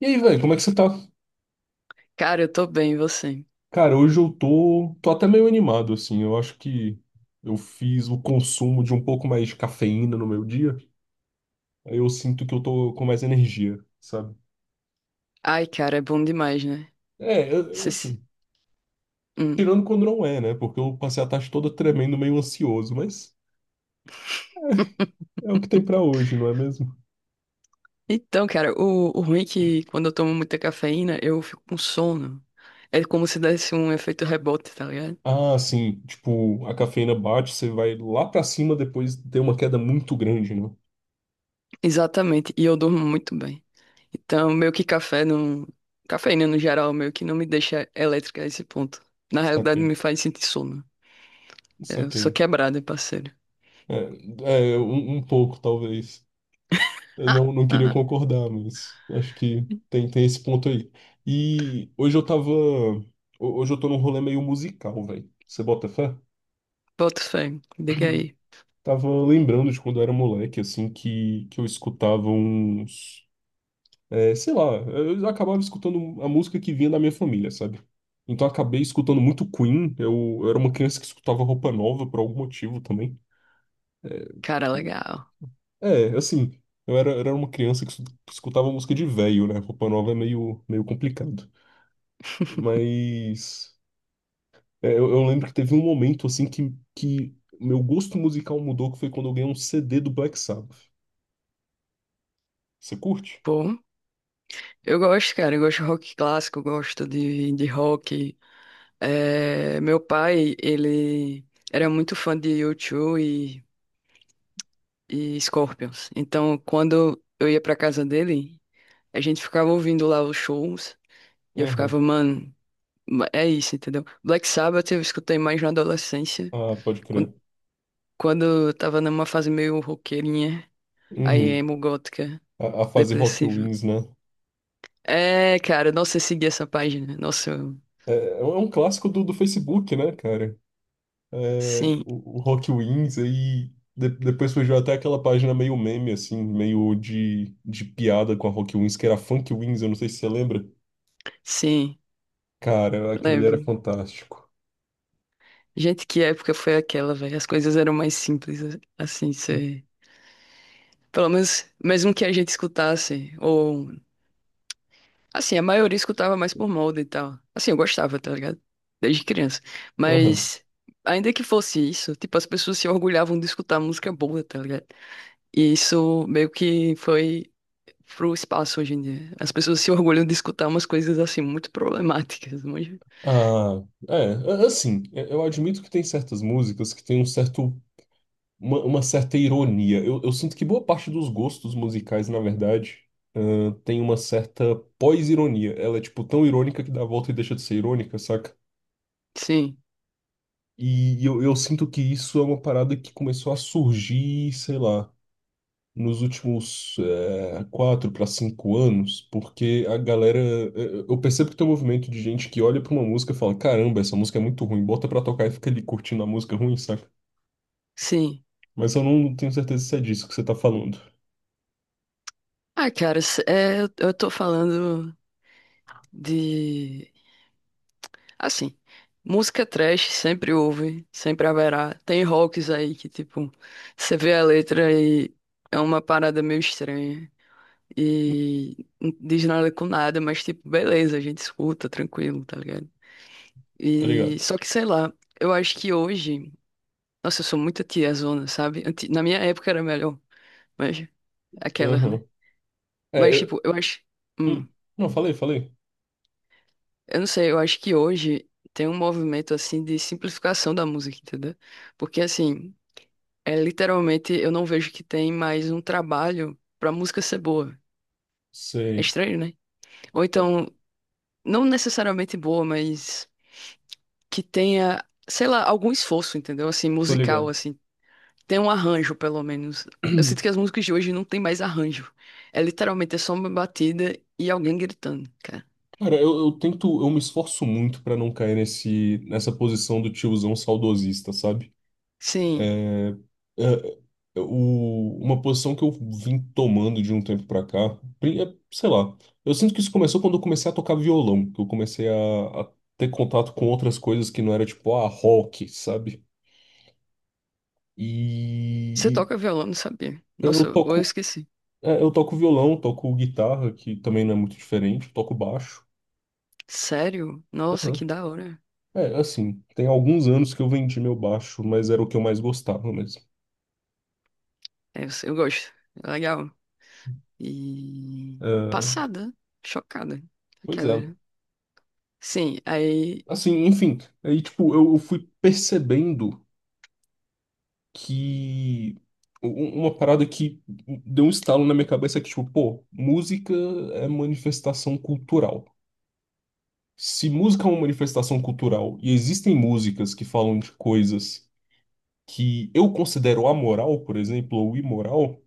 E aí, velho, como é que você tá? Cara, eu tô bem, e você? Cara, hoje eu tô até meio animado, assim. Eu acho que eu fiz o consumo de um pouco mais de cafeína no meu dia. Aí eu sinto que eu tô com mais energia, sabe? Ai, cara, é bom demais, né? É, Cê se- assim, Hum. tirando quando não é, né? Porque eu passei a tarde toda tremendo, meio ansioso, mas é o que tem pra hoje, não é mesmo? Então, cara, o ruim é que quando eu tomo muita cafeína, eu fico com sono. É como se desse um efeito rebote, tá ligado? Ah, sim, tipo, a cafeína bate, você vai lá pra cima, depois tem uma queda muito grande, né? Exatamente, e eu durmo muito bem. Então, meio que café não. Cafeína no geral, meio que não me deixa elétrica a esse ponto. Na realidade, Saquei, me faz sentir sono. Eu sou saquei. quebrada, parceiro. É um pouco, talvez. Eu não queria concordar, mas acho que tem esse ponto aí. E hoje eu tava. ho- Hoje eu tô num rolê meio musical, velho. Você bota fé? Boto fé, diga aí. Tava lembrando de quando eu era moleque, assim, que eu escutava uns. É, sei lá, eu acabava escutando a música que vinha da minha família, sabe? Então eu acabei escutando muito Queen. Eu era uma criança que escutava Roupa Nova por algum motivo também. Cara, legal. É, assim, eu era uma criança que escutava música de velho, né? Roupa Nova é meio, meio complicado. Mas é, eu lembro que teve um momento assim que meu gosto musical mudou, que foi quando eu ganhei um CD do Black Sabbath. Você curte? Pô. Eu gosto, cara, eu gosto de rock clássico, eu gosto de rock. É, meu pai, ele era muito fã de U2 e, Scorpions. Então, quando eu ia pra casa dele, a gente ficava ouvindo lá os shows e eu ficava, Aham. mano, ma- é isso, entendeu? Black Sabbath eu escutei mais na adolescência, Ah, pode quan- crer. quando, eu tava numa fase meio roqueirinha, aí Uhum. emo gótica, A fase Rock depressiva. Wins, né? É, cara, nossa, eu segui essa página. Nossa, eu- É um clássico do Facebook, né, cara? É, sim. o Rock Wins aí. Depois surgiu até aquela página meio meme, assim, meio de piada com a Rock Wins, que era Funk Wins, eu não sei se você lembra. Sim, Cara, aquilo ali lembro. era fantástico. Gente, que época foi aquela, velho? As coisas eram mais simples, assim, cê... Pelo menos, mesmo que a gente escutasse, ou... Assim, a maioria escutava mais por moda e tal. Assim, eu gostava, tá ligado? Desde criança. Aham. Mas, ainda que fosse isso, tipo, as pessoas se orgulhavam de escutar música boa, tá ligado? E isso meio que foi pro espaço hoje em dia. As pessoas se orgulham de escutar umas coisas, assim, muito problemáticas, manja. Ah, é, assim, eu admito que tem certas músicas que tem um certo, uma certa ironia. Eu sinto que boa parte dos gostos musicais, na verdade, ah, tem uma certa pós-ironia. Ela é, tipo, tão irônica que dá a volta e deixa de ser irônica, saca? Sim, E eu sinto que isso é uma parada que começou a surgir, sei lá, nos últimos 4 para 5 anos, porque a galera. Eu percebo que tem um movimento de gente que olha para uma música e fala: caramba, essa música é muito ruim, bota pra tocar e fica ali curtindo a música ruim, saca? sim. Mas eu não tenho certeza se é disso que você tá falando, Ah, cara, cê- é, eu tô falando... De. Assim, música trash sempre houve, sempre haverá. Tem rocks aí que, tipo, você vê a letra e é uma parada meio estranha. E não diz nada com nada, mas, tipo, beleza, a gente escuta, tranquilo, tá ligado? tá ligado? E só que, sei lá, eu acho que hoje. Nossa, eu sou muito tiazona, sabe? Anti- Na minha época era melhor, mas aquelas, né? Aham. É, Mas, eu. tipo, eu acho. hum, Hum. Não, falei, falei. Eu não sei, eu acho que hoje tem um movimento assim de simplificação da música, entendeu? Porque assim, é literalmente eu não vejo que tem mais um trabalho pra música ser boa. É Sei, estranho, né? Ou então, não necessariamente boa, mas que tenha, sei lá, algum esforço, entendeu? Assim, tô musical, ligado. assim, tem um arranjo, pelo menos. Eu sinto que as músicas de hoje não tem mais arranjo. É literalmente é só uma batida e alguém gritando, cara. Cara, eu tento, eu me esforço muito pra não cair nesse, nessa posição do tiozão saudosista, sabe? Sim. É, é, uma posição que eu vim tomando de um tempo pra cá, é, sei lá, eu sinto que isso começou quando eu comecei a tocar violão, que eu comecei a ter contato com outras coisas que não era tipo, ah, rock, sabe? E, Você e toca violão, não sabia. eu Nossa, ou eu toco, esqueci. eu toco violão, toco guitarra, que também não é muito diferente, toco baixo. Sério? Nossa, Aham. que da hora. É, assim, tem alguns anos que eu vendi meu baixo, mas era o que eu mais gostava mesmo. É, eu gosto. É legal. E É, passada, chocada. pois é. Aquela. Né? Sim, aí. Assim, enfim, aí, tipo, eu fui percebendo que u- uma parada que deu um estalo na minha cabeça é que, tipo, pô, música é manifestação cultural. Se música é uma manifestação cultural e existem músicas que falam de coisas que eu considero amoral, por exemplo, ou imoral,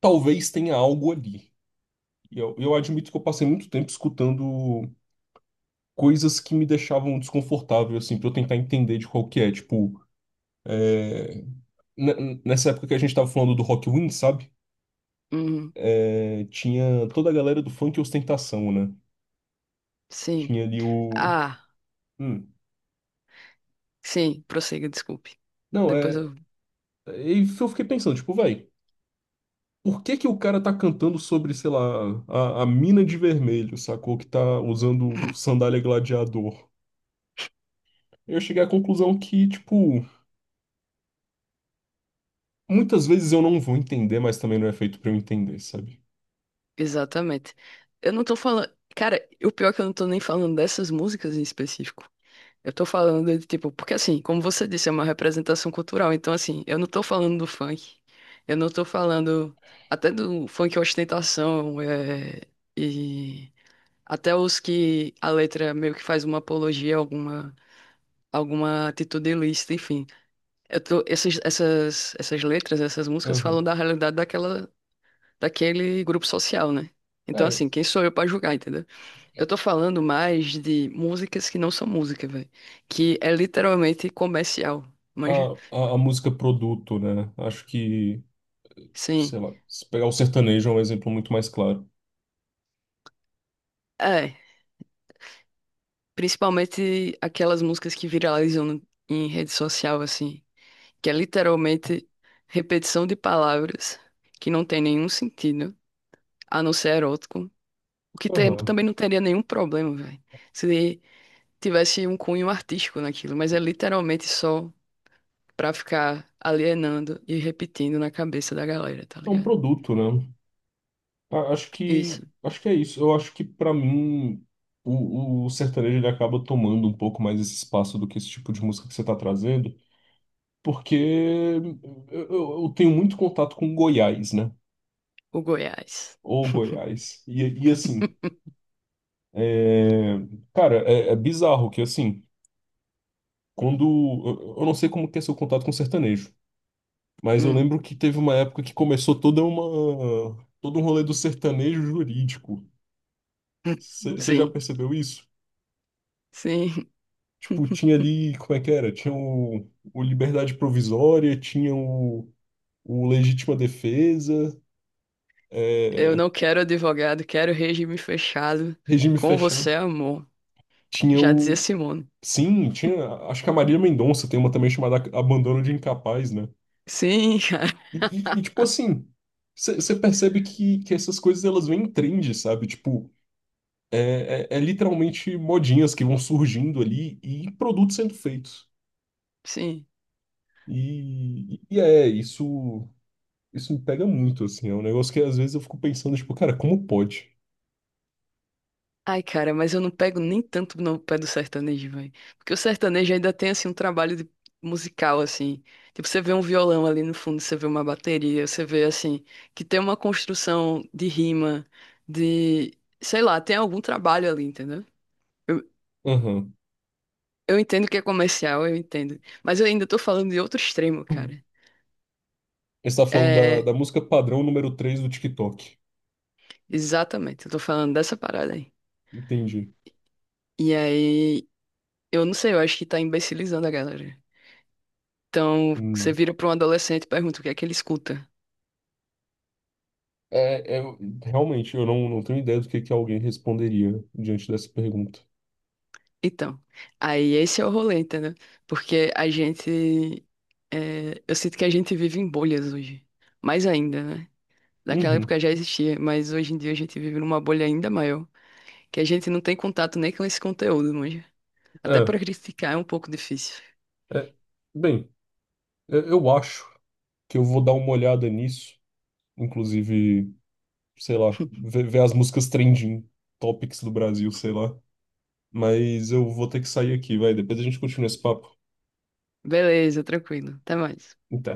talvez tenha algo ali. E eu admito que eu passei muito tempo escutando coisas que me deixavam desconfortável, assim, pra eu tentar entender de qual que é, tipo. eh, nessa época que a gente tava falando do Rock Wind, sabe? Uhum, É, tinha toda a galera do funk e ostentação, né? sim. Tinha ali o. Ah, Hum. sim, prossiga, desculpe. Não, é. Depois eu. E eu fiquei pensando, tipo, vai, por que que o cara tá cantando sobre, sei lá, a mina de vermelho, sacou? Que tá usando sandália gladiador. Eu cheguei à conclusão que, tipo, muitas vezes eu não vou entender, mas também não é feito pra eu entender, sabe? Exatamente. Eu não tô falando. Cara, o pior é que eu não tô nem falando dessas músicas em específico. Eu tô falando de tipo, porque assim, como você disse, é uma representação cultural. Então, assim, eu não tô falando do funk. Eu não tô falando até do funk ostentação, é, e até os que a letra meio que faz uma apologia, alguma, alguma atitude ilícita, enfim. Eu tô, essas letras, essas músicas falam Aham. da realidade daquela, daquele grupo social, né? Então, É, assim, quem sou eu pra julgar, entendeu? Eu tô falando mais de músicas que não são música, velho. Que é literalmente comercial. Mas, a música produto, né? Acho que sei sim. lá, se pegar o sertanejo é um exemplo muito mais claro. É. Principalmente aquelas músicas que viralizam no- em rede social, assim. Que é literalmente repetição de palavras que não tem nenhum sentido, a não ser erótico. O que tem- Aham. também não teria nenhum problema, velho. Se tivesse um cunho artístico naquilo. Mas é literalmente só pra ficar alienando e repetindo na cabeça da galera, tá É um ligado? produto, né? A- Acho que Isso. acho que é isso. Eu acho que pra mim o sertanejo ele acaba tomando um pouco mais esse espaço do que esse tipo de música que você tá trazendo, porque eu tenho muito contato com Goiás, né? O Goiás. Ou Goiás. E assim, é, cara, é bizarro que assim, quando eu não sei como que é seu contato com sertanejo. Mas eu Hum, lembro que teve uma época que começou toda todo um rolê do sertanejo jurídico. Você já sim, percebeu isso? sim. Tipo, tinha ali, como é que era? Tinha o Liberdade Provisória, tinha o Legítima Defesa, Eu é, não quero advogado, quero regime fechado. Regime Com Fechado. você, amor. Tinha Já dizia o. Simone. Sim, tinha. Acho que a Maria Mendonça tem uma também chamada Abandono de Incapaz, né? Sim, cara, E, tipo assim, você percebe que essas coisas elas vêm em trend, sabe? Tipo, É literalmente modinhas que vão surgindo ali e produtos sendo feitos. sim. E é, isso me pega muito, assim. É um negócio que às vezes eu fico pensando, tipo, cara, como pode? Ai, cara, mas eu não pego nem tanto no pé do sertanejo, velho. Porque o sertanejo ainda tem, assim, um trabalho de- musical, assim. Tipo, você vê um violão ali no fundo, você vê uma bateria, você vê, assim, que tem uma construção de rima, de... Sei lá, tem algum trabalho ali, entendeu? Aham. Eu entendo que é comercial, eu entendo. Mas eu ainda tô falando de outro extremo, cara. Você tá falando da, É, da música padrão número 3 do TikTok. exatamente, eu tô falando dessa parada aí. Entendi. E aí, eu não sei, eu acho que tá imbecilizando a galera. Então, você Hum. vira pra um adolescente e pergunta o que é que ele escuta. É, é- realmente, eu não tenho ideia do que alguém responderia diante dessa pergunta. Então, aí esse é o rolê, entendeu? Porque a gente. É, eu sinto que a gente vive em bolhas hoje. Mais ainda, né? Naquela Uhum. época já existia, mas hoje em dia a gente vive numa bolha ainda maior, que a gente não tem contato nem com esse conteúdo, manja. Até É, para criticar é um pouco difícil. é, bem, eu acho que eu vou dar uma olhada nisso. Inclusive, sei lá, ver as músicas trending topics do Brasil, sei lá. Mas eu vou ter que sair aqui, vai. Depois a gente continua esse papo. Beleza, tranquilo. Até mais. Até.